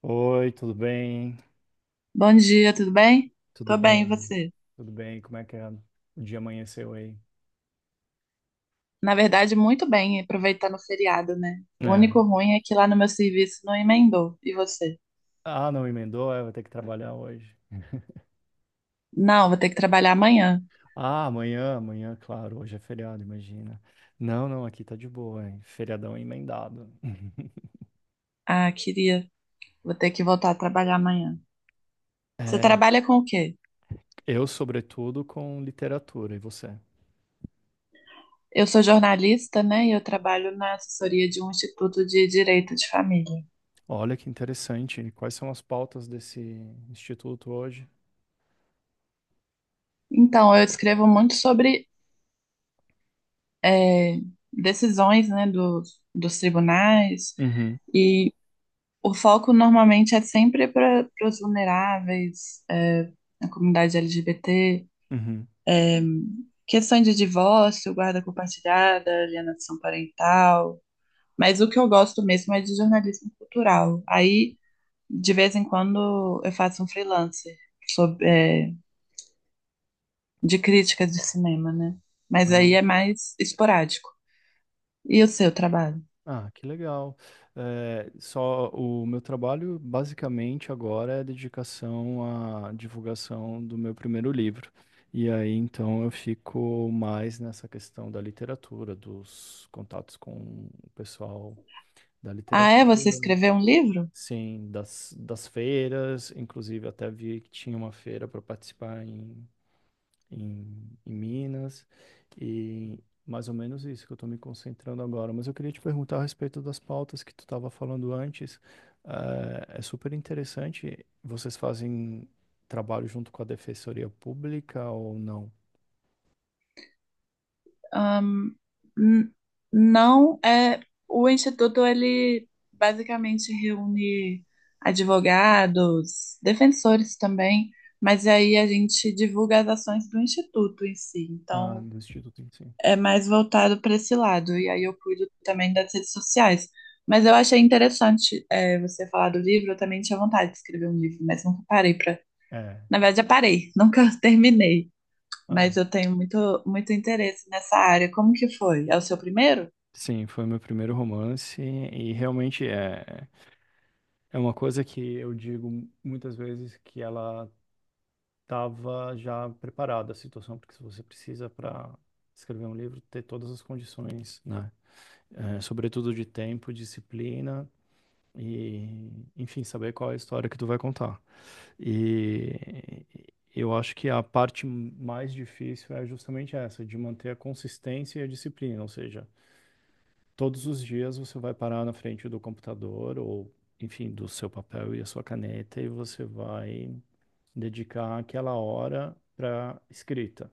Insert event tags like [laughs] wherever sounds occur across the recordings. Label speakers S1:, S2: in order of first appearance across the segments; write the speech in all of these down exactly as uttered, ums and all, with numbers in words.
S1: Oi, tudo bem?
S2: Bom dia, tudo bem?
S1: Tudo
S2: Tô bem, e
S1: bem?
S2: você?
S1: Tudo bem? Como é que é? O dia amanheceu aí?
S2: Na verdade, muito bem, aproveitando o feriado, né? O único
S1: É.
S2: ruim é que lá no meu serviço não emendou. E você?
S1: Ah, não emendou? É, vai ter que trabalhar hoje.
S2: Não, vou ter que trabalhar amanhã.
S1: Ah, amanhã, amanhã, claro, hoje é feriado, imagina. Não, não, aqui tá de boa, hein? Feriadão emendado. [laughs]
S2: Ah, queria. Vou ter que voltar a trabalhar amanhã. Você
S1: É,
S2: trabalha com o quê?
S1: eu, sobretudo, com literatura, e você?
S2: Eu sou jornalista, né? E eu trabalho na assessoria de um instituto de direito de família.
S1: Olha que interessante. Quais são as pautas desse instituto hoje?
S2: Então, eu escrevo muito sobre eh, decisões, né, dos, dos tribunais.
S1: Uhum,
S2: E o foco normalmente é sempre para os vulneráveis, é, a comunidade L G B T,
S1: uhum.
S2: é, questões de divórcio, guarda compartilhada, alienação parental. Mas o que eu gosto mesmo é de jornalismo cultural. Aí, de vez em quando, eu faço um freelancer sobre, é, de crítica de cinema, né? Mas aí é mais esporádico. E o seu trabalho?
S1: Ah, que legal. Eh, só o meu trabalho basicamente agora é dedicação à divulgação do meu primeiro livro. E aí então eu fico mais nessa questão da literatura, dos contatos com o pessoal da
S2: Ah, é? Você
S1: literatura,
S2: escreveu um livro?
S1: sim, das, das feiras. Inclusive até vi que tinha uma feira para participar em, em Minas, e mais ou menos isso que eu estou me concentrando agora. Mas eu queria te perguntar a respeito das pautas que tu estava falando antes. Eh, é super interessante. Vocês fazem trabalho junto com a Defensoria Pública ou não?
S2: Ahn, n- não é. O Instituto, ele basicamente reúne advogados, defensores também, mas aí a gente divulga as ações do Instituto em si.
S1: Ah,
S2: Então,
S1: do Instituto em si.
S2: é mais voltado para esse lado. E aí eu cuido também das redes sociais. Mas eu achei interessante, é, você falar do livro, eu também tinha vontade de escrever um livro, mas nunca parei para.
S1: É.
S2: Na verdade, já parei, [laughs] nunca terminei,
S1: Ah,
S2: mas eu tenho muito, muito interesse nessa área. Como que foi? É o seu primeiro?
S1: sim, foi meu primeiro romance e realmente é, é uma coisa que eu digo muitas vezes que ela estava já preparada a situação, porque se você precisa para escrever um livro ter todas as condições, né? É, sobretudo de tempo, disciplina e, enfim, saber qual é a história que tu vai contar. E eu acho que a parte mais difícil é justamente essa, de manter a consistência e a disciplina, ou seja, todos os dias você vai parar na frente do computador ou, enfim, do seu papel e a sua caneta e você vai dedicar aquela hora para escrita.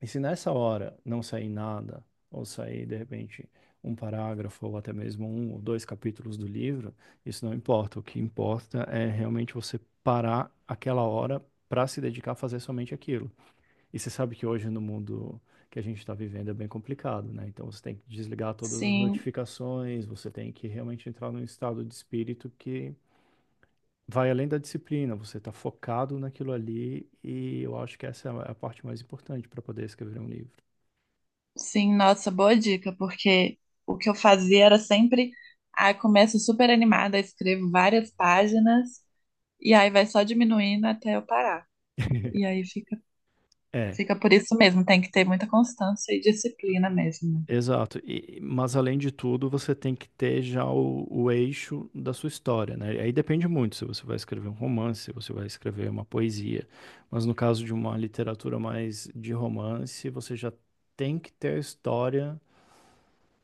S1: E se nessa hora não sair nada, ou sair, de repente, um parágrafo, ou até mesmo um ou dois capítulos do livro, isso não importa. O que importa é realmente você parar aquela hora para se dedicar a fazer somente aquilo. E você sabe que hoje, no mundo que a gente está vivendo, é bem complicado, né? Então você tem que desligar todas as
S2: Sim,
S1: notificações, você tem que realmente entrar num estado de espírito que. Vai além da disciplina, você está focado naquilo ali, e eu acho que essa é a parte mais importante para poder escrever um livro.
S2: sim, nossa, boa dica, porque o que eu fazia era sempre, ah, começo super animada, escrevo várias páginas e aí vai só diminuindo até eu parar. E
S1: [laughs]
S2: aí fica,
S1: É,
S2: fica por isso mesmo, tem que ter muita constância e disciplina mesmo, né?
S1: exato. E- mas além de tudo, você tem que ter já o, o eixo da sua história, né? Aí depende muito se você vai escrever um romance, se você vai escrever uma poesia. Mas no caso de uma literatura mais de romance, você já tem que ter a história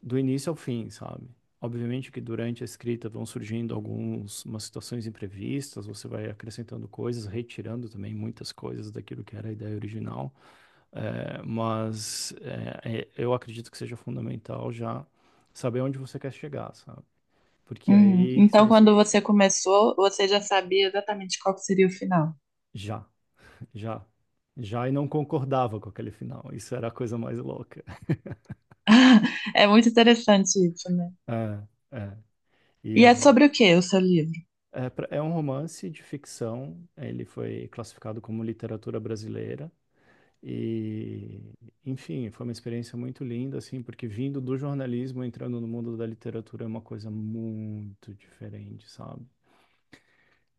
S1: do início ao fim, sabe? Obviamente que durante a escrita vão surgindo algumas situações imprevistas, você vai acrescentando coisas, retirando também muitas coisas daquilo que era a ideia original, eh, mas eh, eh, eu acredito que seja fundamental já saber onde você quer chegar, sabe? Porque é
S2: Uhum.
S1: aí, se
S2: Então,
S1: você
S2: quando você começou, você já sabia exatamente qual que seria o final.
S1: já, já, já e não concordava com aquele final, isso era a coisa mais louca.
S2: [laughs] É muito interessante isso, né?
S1: É, é. E
S2: E é sobre o que o seu livro?
S1: é, pra- é um romance de ficção, ele foi classificado como literatura brasileira e, enfim, foi uma experiência muito linda, assim, porque vindo do jornalismo, entrando no mundo da literatura é uma coisa muito diferente, sabe?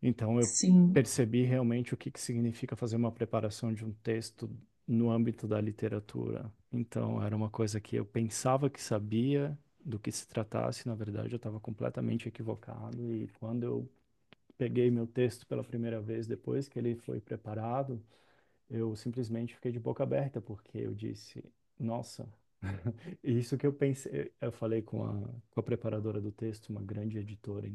S1: Então eu
S2: Sim.
S1: percebi realmente o que que significa fazer uma preparação de um texto no âmbito da literatura. Então era uma coisa que eu pensava que sabia do que se tratasse, na verdade eu estava completamente equivocado e quando eu peguei meu texto pela primeira vez depois que ele foi preparado, eu simplesmente fiquei de boca aberta, porque eu disse, nossa, [laughs] isso que eu pensei, eu falei com a, com a preparadora do texto, uma grande editora,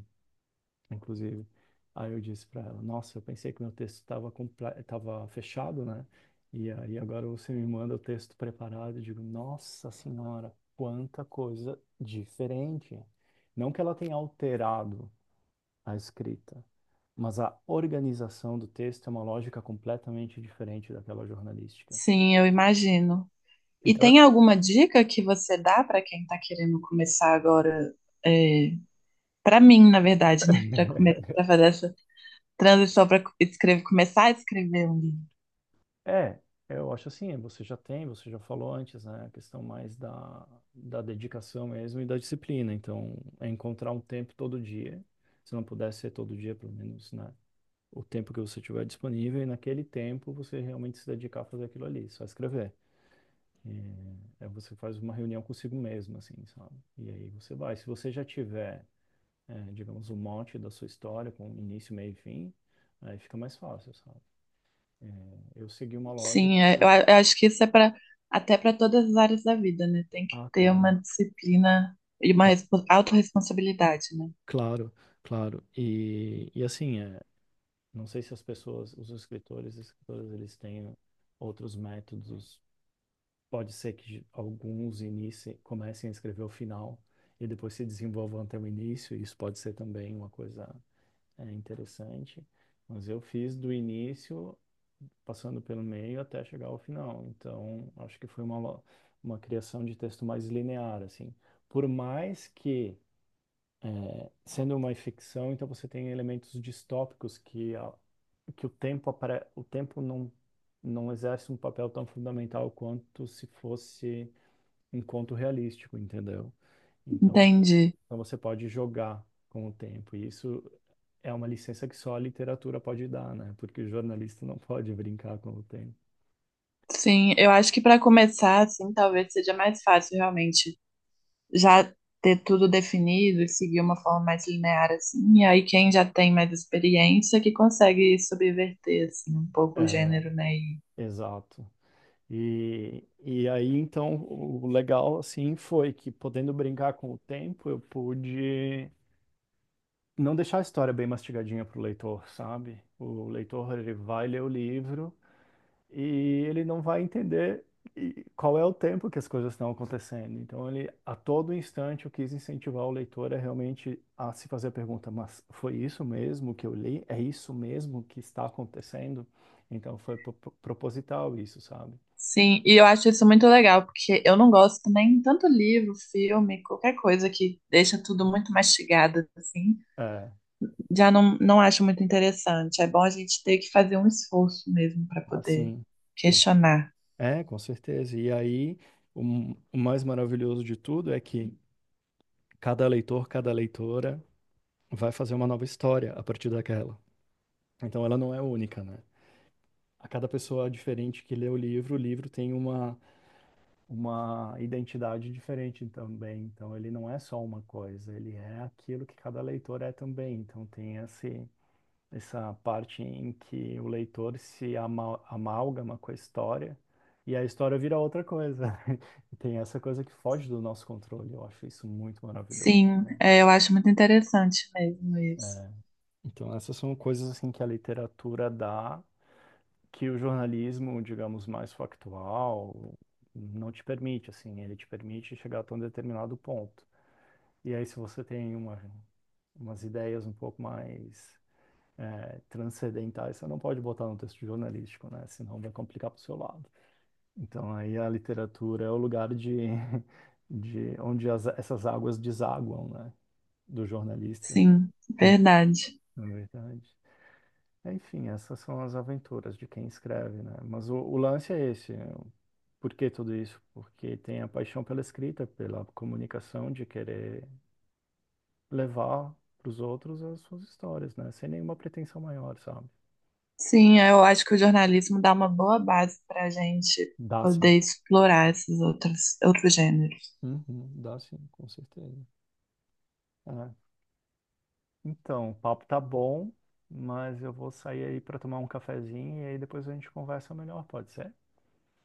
S1: inclusive, aí eu disse para ela, nossa, eu pensei que meu texto estava estava fechado, né? E aí agora você me manda o texto preparado, e digo, nossa senhora, quanta coisa diferente. Não que ela tenha alterado a escrita, mas a organização do texto é uma lógica completamente diferente daquela jornalística.
S2: Sim, eu imagino. E
S1: Então,
S2: tem alguma dica que você dá para quem está querendo começar agora? É, para mim, na verdade, né? [laughs] Para começar,
S1: [laughs]
S2: para fazer essa transição para escrever, começar a escrever um livro.
S1: é, eu acho assim, você já tem, você já falou antes, né, a questão mais da, da dedicação mesmo e da disciplina. Então, é encontrar um tempo todo dia, se não puder ser todo dia, pelo menos, né, o tempo que você tiver disponível e naquele tempo você realmente se dedicar a fazer aquilo ali, só escrever. É, é, você faz uma reunião consigo mesmo, assim, sabe? E aí você vai. Se você já tiver é, digamos, o monte da sua história, com início, meio e fim, aí fica mais fácil, sabe? É, eu segui uma lógica
S2: Sim, é,
S1: eu-
S2: eu, a- eu acho que isso é para até para todas as áreas da vida, né? Tem que
S1: Ah,
S2: ter
S1: claro.
S2: uma disciplina e uma
S1: cla-
S2: respo- autorresponsabilidade, né?
S1: Claro, claro. E, e assim, é, não sei se as pessoas, os escritores e escritoras, eles têm outros métodos. Pode ser que alguns iniciem, comecem a escrever o final e depois se desenvolvam até o início. Isso pode ser também uma coisa. É interessante. Mas eu fiz do início, passando pelo meio até chegar ao final. Então, acho que foi uma, lo- uma criação de texto mais linear, assim. Por mais que, é, sendo uma ficção, então você tem elementos distópicos que, a- que o tempo, apare- o tempo não, não exerce um papel tão fundamental quanto se fosse um conto realístico, entendeu? Então,
S2: Entendi.
S1: então você pode jogar com o tempo. E isso é uma licença que só a literatura pode dar, né? Porque o jornalista não pode brincar com o tempo.
S2: Sim, eu acho que para começar, assim, talvez seja mais fácil realmente já ter tudo definido e seguir uma forma mais linear assim, e aí quem já tem mais experiência que consegue subverter assim um pouco o
S1: É,
S2: gênero, né? E,
S1: exato. E, e aí, então, o legal, assim, foi que podendo brincar com o tempo, eu pude não deixar a história bem mastigadinha para o leitor, sabe? O leitor ele vai ler o livro e ele não vai entender e- qual é o tempo que as coisas estão acontecendo. Então, ele a todo instante eu quis incentivar o leitor a realmente a se fazer a pergunta: mas foi isso mesmo que eu li? É isso mesmo que está acontecendo? Então, foi pro- pro- proposital isso, sabe?
S2: sim, e eu acho isso muito legal, porque eu não gosto também tanto livro, filme, qualquer coisa que deixa tudo muito mastigado assim,
S1: É,
S2: já não, não acho muito interessante. É bom a gente ter que fazer um esforço mesmo para poder
S1: assim. com-
S2: questionar.
S1: É, com certeza. E aí, o m- o mais maravilhoso de tudo é que cada leitor, cada leitora vai fazer uma nova história a partir daquela. Então ela não é única, né? A cada pessoa é diferente que lê o livro, o livro tem uma, uma identidade diferente também. Então ele não é só uma coisa, ele é aquilo que cada leitor é também. Então tem esse, essa parte em que o leitor se ama, amálgama com a história e a história vira outra coisa. [laughs] E tem essa coisa que foge do nosso controle. Eu acho isso muito maravilhoso
S2: Sim,
S1: também.
S2: é, eu acho muito interessante mesmo isso.
S1: É. Então, essas são coisas assim que a literatura dá, que o jornalismo, digamos, mais factual, não te permite, assim, ele te permite chegar até um determinado ponto. E aí, se você tem uma, umas ideias um pouco mais é, transcendentais, você não pode botar no texto jornalístico, né? Senão vai complicar para o seu lado. Então, aí a literatura é o lugar de, [laughs] de onde as, essas águas desaguam, né? Do jornalista,
S2: Sim,
S1: hum,
S2: verdade.
S1: na verdade. É, enfim, essas são as aventuras de quem escreve, né? Mas o, o lance é esse, né? Por que tudo isso? Porque tem a paixão pela escrita, pela comunicação, de querer levar para os outros as suas histórias, né? Sem nenhuma pretensão maior, sabe?
S2: Sim, eu acho que o jornalismo dá uma boa base para a gente
S1: Dá sim.
S2: poder explorar esses outros, outros gêneros.
S1: Uhum, dá sim, com certeza. É. Então, o papo tá bom, mas eu vou sair aí para tomar um cafezinho e aí depois a gente conversa melhor, pode ser?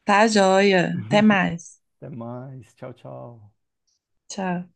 S2: Tá, joia. Até
S1: [laughs]
S2: mais.
S1: Até mais. Tchau, tchau.
S2: Tchau.